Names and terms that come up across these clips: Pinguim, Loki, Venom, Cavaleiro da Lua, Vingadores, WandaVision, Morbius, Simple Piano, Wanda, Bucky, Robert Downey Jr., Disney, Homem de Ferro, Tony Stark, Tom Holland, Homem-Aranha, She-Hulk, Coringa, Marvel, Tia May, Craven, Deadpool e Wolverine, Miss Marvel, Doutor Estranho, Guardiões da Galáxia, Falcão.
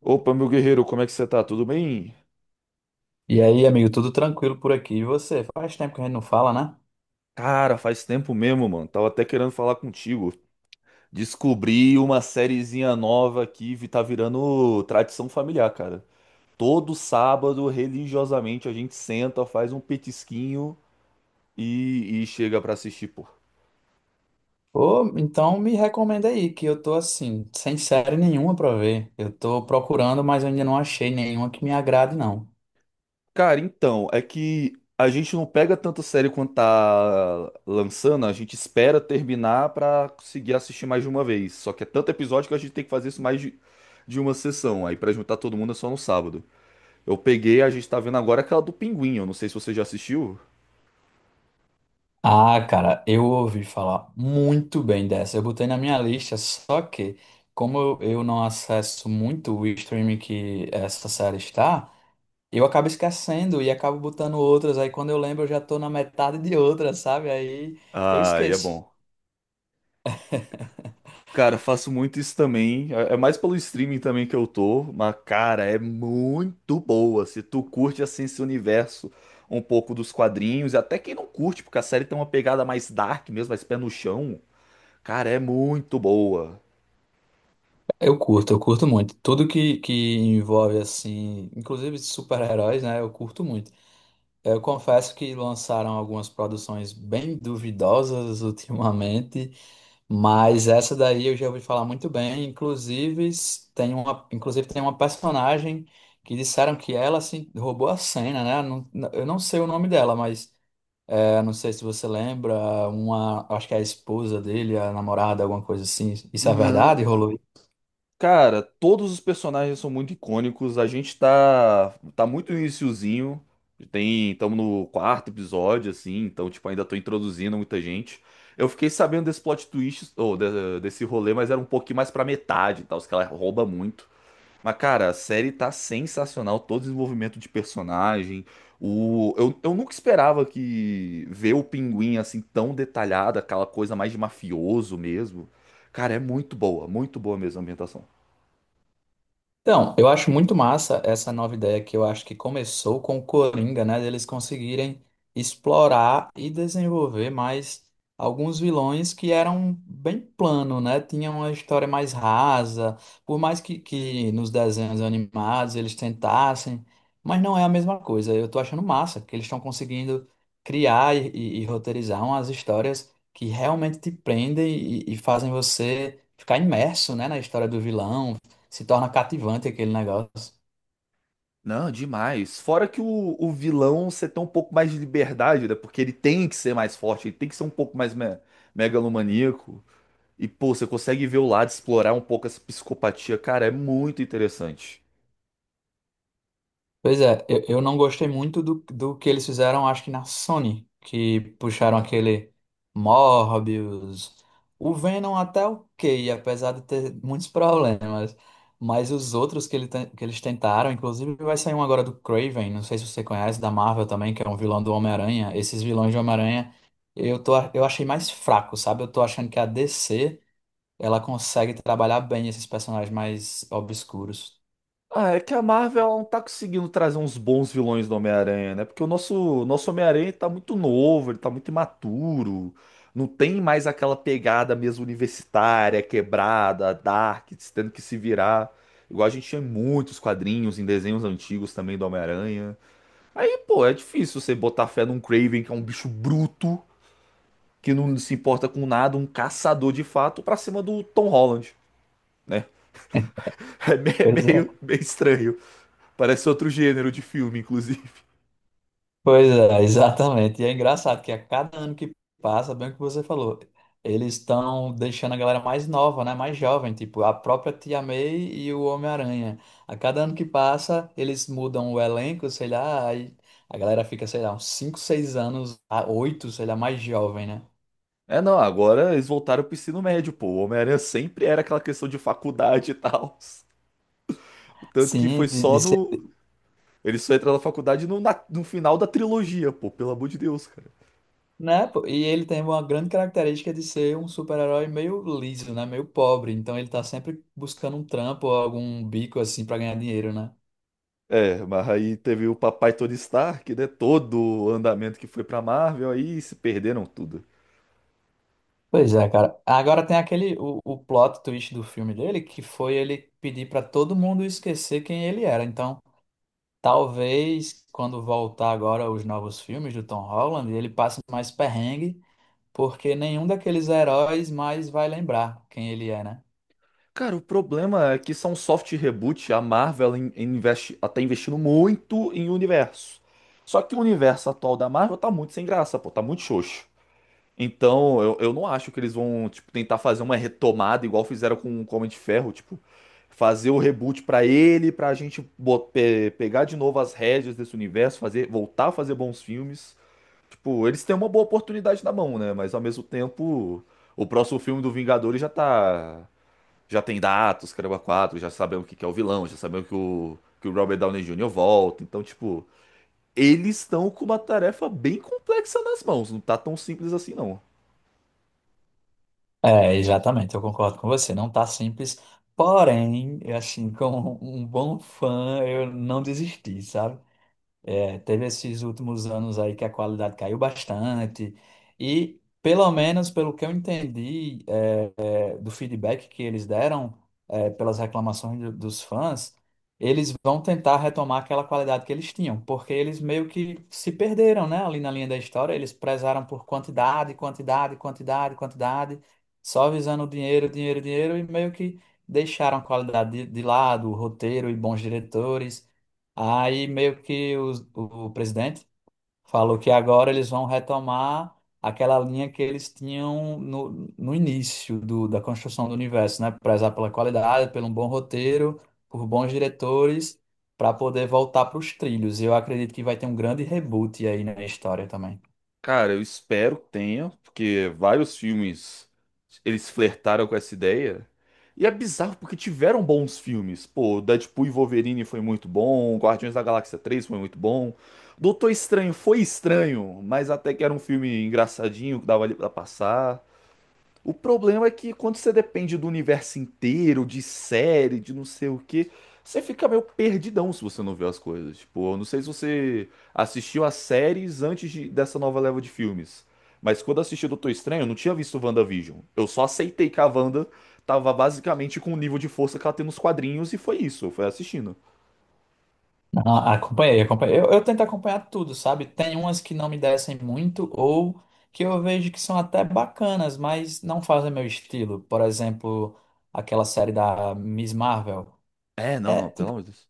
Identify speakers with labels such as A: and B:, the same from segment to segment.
A: Opa, meu guerreiro, como é que você tá? Tudo bem?
B: E aí, amigo, tudo tranquilo por aqui? E você? Faz tempo que a gente não fala, né?
A: Cara, faz tempo mesmo, mano. Tava até querendo falar contigo. Descobri uma sériezinha nova tá virando tradição familiar, cara. Todo sábado, religiosamente, a gente senta, faz um petisquinho e chega pra assistir, pô.
B: Ô, então me recomenda aí, que eu tô assim, sem série nenhuma pra ver. Eu tô procurando, mas eu ainda não achei nenhuma que me agrade, não.
A: Cara, então, é que a gente não pega tanto sério quanto tá lançando, a gente espera terminar pra conseguir assistir mais de uma vez. Só que é tanto episódio que a gente tem que fazer isso de uma sessão. Aí pra juntar todo mundo é só no sábado. Eu peguei, a gente tá vendo agora aquela do Pinguim, eu não sei se você já assistiu.
B: Ah, cara, eu ouvi falar muito bem dessa. Eu botei na minha lista, só que, como eu não acesso muito o streaming que essa série está, eu acabo esquecendo e acabo botando outras. Aí quando eu lembro, eu já tô na metade de outras, sabe? Aí eu
A: Ah, e é
B: esqueço.
A: bom. Cara, faço muito isso também. É mais pelo streaming também que eu tô, mas cara, é muito boa. Se tu curte assim esse universo um pouco dos quadrinhos, e até quem não curte, porque a série tem uma pegada mais dark mesmo, mais pé no chão, cara, é muito boa.
B: Eu curto muito. Tudo que envolve, assim, inclusive super-heróis, né? Eu curto muito. Eu confesso que lançaram algumas produções bem duvidosas ultimamente, mas essa daí eu já ouvi falar muito bem. Inclusive, tem uma, inclusive tem uma personagem que disseram que ela, assim, roubou a cena, né? Eu não sei o nome dela, mas é, não sei se você lembra, uma, acho que é a esposa dele, a namorada, alguma coisa assim. Isso é
A: Não.
B: verdade?
A: Cara, todos os personagens são muito icônicos. A gente tá muito no iniciozinho. Tem, estamos no quarto episódio, assim, então, tipo, ainda tô introduzindo muita gente. Eu fiquei sabendo desse plot twist, desse rolê, mas era um pouquinho mais pra metade, e tal, os caras roubam muito. Mas, cara, a série tá sensacional, todo o desenvolvimento de personagem. O, eu nunca esperava que ver o Pinguim assim tão detalhado, aquela coisa mais de mafioso mesmo. Cara, é muito boa mesmo a ambientação.
B: Então, eu acho muito massa essa nova ideia que eu acho que começou com o Coringa, né? Deles conseguirem explorar e desenvolver mais alguns vilões que eram bem plano, né? Tinham uma história mais rasa, por mais que nos desenhos animados eles tentassem, mas não é a mesma coisa. Eu tô achando massa que eles estão conseguindo criar e roteirizar umas histórias que realmente te prendem e fazem você ficar imerso, né, na história do vilão se torna cativante aquele negócio.
A: Não, demais. Fora que o vilão você tem um pouco mais de liberdade, né? Porque ele tem que ser mais forte, ele tem que ser um pouco mais me megalomaníaco. E, pô, você consegue ver o lado, explorar um pouco essa psicopatia. Cara, é muito interessante.
B: Pois é, eu não gostei muito do que eles fizeram, acho que na Sony, que puxaram aquele Morbius. O Venom até ok, apesar de ter muitos problemas. Mas os outros que, ele, que eles tentaram, inclusive vai sair um agora do Craven, não sei se você conhece, da Marvel também, que é um vilão do Homem-Aranha. Esses vilões de Homem-Aranha eu achei mais fraco, sabe? Eu tô achando que a DC ela consegue trabalhar bem esses personagens mais obscuros.
A: Ah, é que a Marvel ela não tá conseguindo trazer uns bons vilões do Homem-Aranha, né? Porque o nosso Homem-Aranha tá muito novo, ele tá muito imaturo. Não tem mais aquela pegada mesmo universitária, quebrada, dark, tendo que se virar. Igual a gente tinha em muitos quadrinhos, em desenhos antigos também do Homem-Aranha. Aí, pô, é difícil você botar fé num Craven, que é um bicho bruto, que não se importa com nada, um caçador de fato, pra cima do Tom Holland, né? É
B: Pois é,
A: meio, meio estranho. Parece outro gênero de filme, inclusive.
B: pois é, exatamente. E é engraçado que a cada ano que passa, bem o que você falou, eles estão deixando a galera mais nova, né? Mais jovem, tipo a própria Tia May e o Homem-Aranha. A cada ano que passa, eles mudam o elenco, sei lá, aí a galera fica, sei lá, uns 5 6 anos, a 8 sei lá, mais jovem, né?
A: É, não, agora eles voltaram pro ensino médio, pô. O Homem-Aranha sempre era aquela questão de faculdade e tal. Tanto que
B: Sim,
A: foi
B: de
A: só
B: ser,
A: no. Ele só entra na faculdade no final da trilogia, pô, pelo amor de Deus, cara.
B: né? Pô, e ele tem uma grande característica de ser um super-herói meio liso, né? Meio pobre. Então ele tá sempre buscando um trampo ou algum bico assim pra ganhar dinheiro, né?
A: É, mas aí teve o papai Tony Stark, né? Todo o andamento que foi pra Marvel, aí se perderam tudo.
B: Pois é, cara. Agora tem aquele o plot twist do filme dele que foi ele pedir pra todo mundo esquecer quem ele era. Então, talvez quando voltar agora os novos filmes do Tom Holland, ele passe mais perrengue, porque nenhum daqueles heróis mais vai lembrar quem ele é, né?
A: Cara, o problema é que são soft reboot, a Marvel ela investe, ela tá investindo muito em universo. Só que o universo atual da Marvel tá muito sem graça, pô, tá muito xoxo. Então, eu não acho que eles vão, tipo, tentar fazer uma retomada igual fizeram com o Homem de Ferro, tipo, fazer o reboot pra ele, pra gente bo- pe- pegar de novo as rédeas desse universo, fazer, voltar a fazer bons filmes. Tipo, eles têm uma boa oportunidade na mão, né? Mas ao mesmo tempo, o próximo filme do Vingadores já tá, já tem datas, caramba, quatro, já sabemos que é o vilão, já sabemos que o Robert Downey Jr. volta. Então, tipo, eles estão com uma tarefa bem complexa nas mãos, não tá tão simples assim, não.
B: É, exatamente, eu concordo com você. Não tá simples, porém, assim, como um bom fã, eu não desisti, sabe? É, teve esses últimos anos aí que a qualidade caiu bastante. E, pelo menos, pelo que eu entendi, é, do feedback que eles deram, é, pelas reclamações dos fãs, eles vão tentar retomar aquela qualidade que eles tinham, porque eles meio que se perderam, né, ali na linha da história, eles prezaram por quantidade, quantidade, quantidade, quantidade, só visando dinheiro, dinheiro, dinheiro, e meio que deixaram a qualidade de lado, o roteiro e bons diretores. Aí meio que o presidente falou que agora eles vão retomar aquela linha que eles tinham no início da construção do universo, né? Prezar pela qualidade, pelo bom roteiro, por bons diretores, para poder voltar para os trilhos. E eu acredito que vai ter um grande reboot aí na história também.
A: Cara, eu espero que tenha, porque vários filmes eles flertaram com essa ideia. E é bizarro porque tiveram bons filmes. Pô, Deadpool e Wolverine foi muito bom, Guardiões da Galáxia 3 foi muito bom. Doutor Estranho foi estranho, mas até que era um filme engraçadinho que dava ali pra passar. O problema é que quando você depende do universo inteiro, de série, de não sei o que, você fica meio perdidão se você não vê as coisas. Tipo, eu não sei se você assistiu as séries dessa nova leva de filmes, mas quando eu assisti Doutor Estranho, eu não tinha visto WandaVision. Eu só aceitei que a Wanda tava basicamente com o nível de força que ela tem nos quadrinhos e foi isso, eu fui assistindo.
B: Ah, acompanhei, acompanhei. Eu tento acompanhar tudo, sabe? Tem umas que não me descem muito ou que eu vejo que são até bacanas, mas não fazem meu estilo. Por exemplo, aquela série da Miss Marvel.
A: É, não,
B: É,
A: não, pelo
B: tipo,
A: amor de Deus.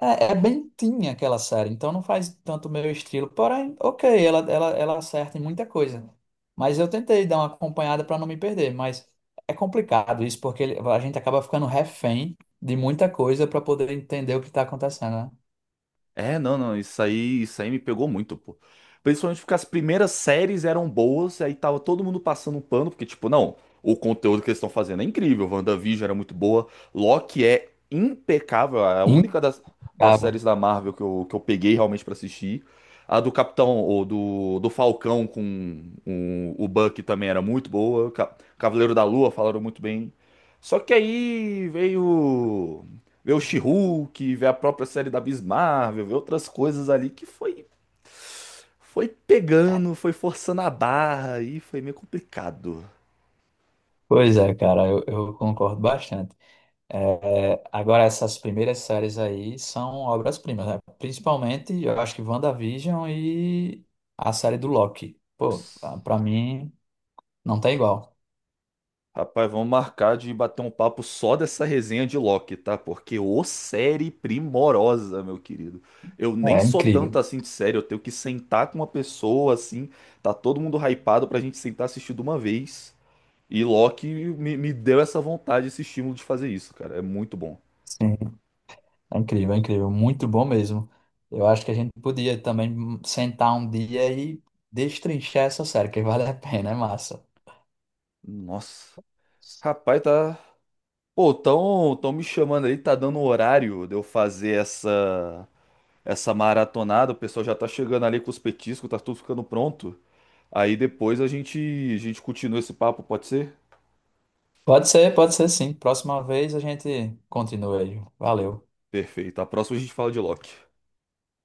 B: é, é bem tinha aquela série, então não faz tanto o meu estilo. Porém, ok, ela acerta em muita coisa. Mas eu tentei dar uma acompanhada para não me perder, mas é complicado isso, porque a gente acaba ficando refém de muita coisa para poder entender o que está acontecendo, né?
A: É, não, não, isso aí me pegou muito, pô. Principalmente porque as primeiras séries eram boas, aí tava todo mundo passando um pano, porque, tipo, não, o conteúdo que eles estão fazendo é incrível, WandaVision era muito boa, Loki é impecável, é das
B: Incrível.
A: séries da Marvel que eu peguei realmente pra assistir. A do Capitão, ou do Falcão com o Bucky também era muito boa, Cavaleiro da Lua falaram muito bem. Só que aí veio ver o She-Hulk, ver a própria série da Miss Marvel, ver outras coisas ali que foi pegando, foi forçando a barra e foi meio complicado.
B: Pois é, cara, eu concordo bastante. É, agora, essas primeiras séries aí são obras-primas, né? Principalmente, eu acho que WandaVision e a série do Loki. Pô,
A: Nossa.
B: pra mim, não tem igual.
A: Rapaz, vamos marcar de bater um papo só dessa resenha de Loki, tá? Porque ô série primorosa, meu querido. Eu nem
B: É
A: sou tanto
B: incrível.
A: assim de série, eu tenho que sentar com uma pessoa assim, tá todo mundo hypado pra gente sentar e assistir de uma vez. E me deu essa vontade, esse estímulo de fazer isso, cara. É muito bom.
B: Sim, é incrível, é incrível. Muito bom mesmo. Eu acho que a gente podia também sentar um dia e destrinchar essa série, que vale a pena, é massa.
A: Nossa. Rapaz, tá. Pô, tão me chamando aí, tá dando um horário de eu fazer essa maratonada. O pessoal já tá chegando ali com os petiscos, tá tudo ficando pronto. Aí depois a gente continua esse papo, pode ser?
B: Pode ser sim. Próxima vez a gente continua aí. Valeu.
A: Perfeito. A próxima a gente fala de Loki.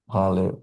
B: Valeu.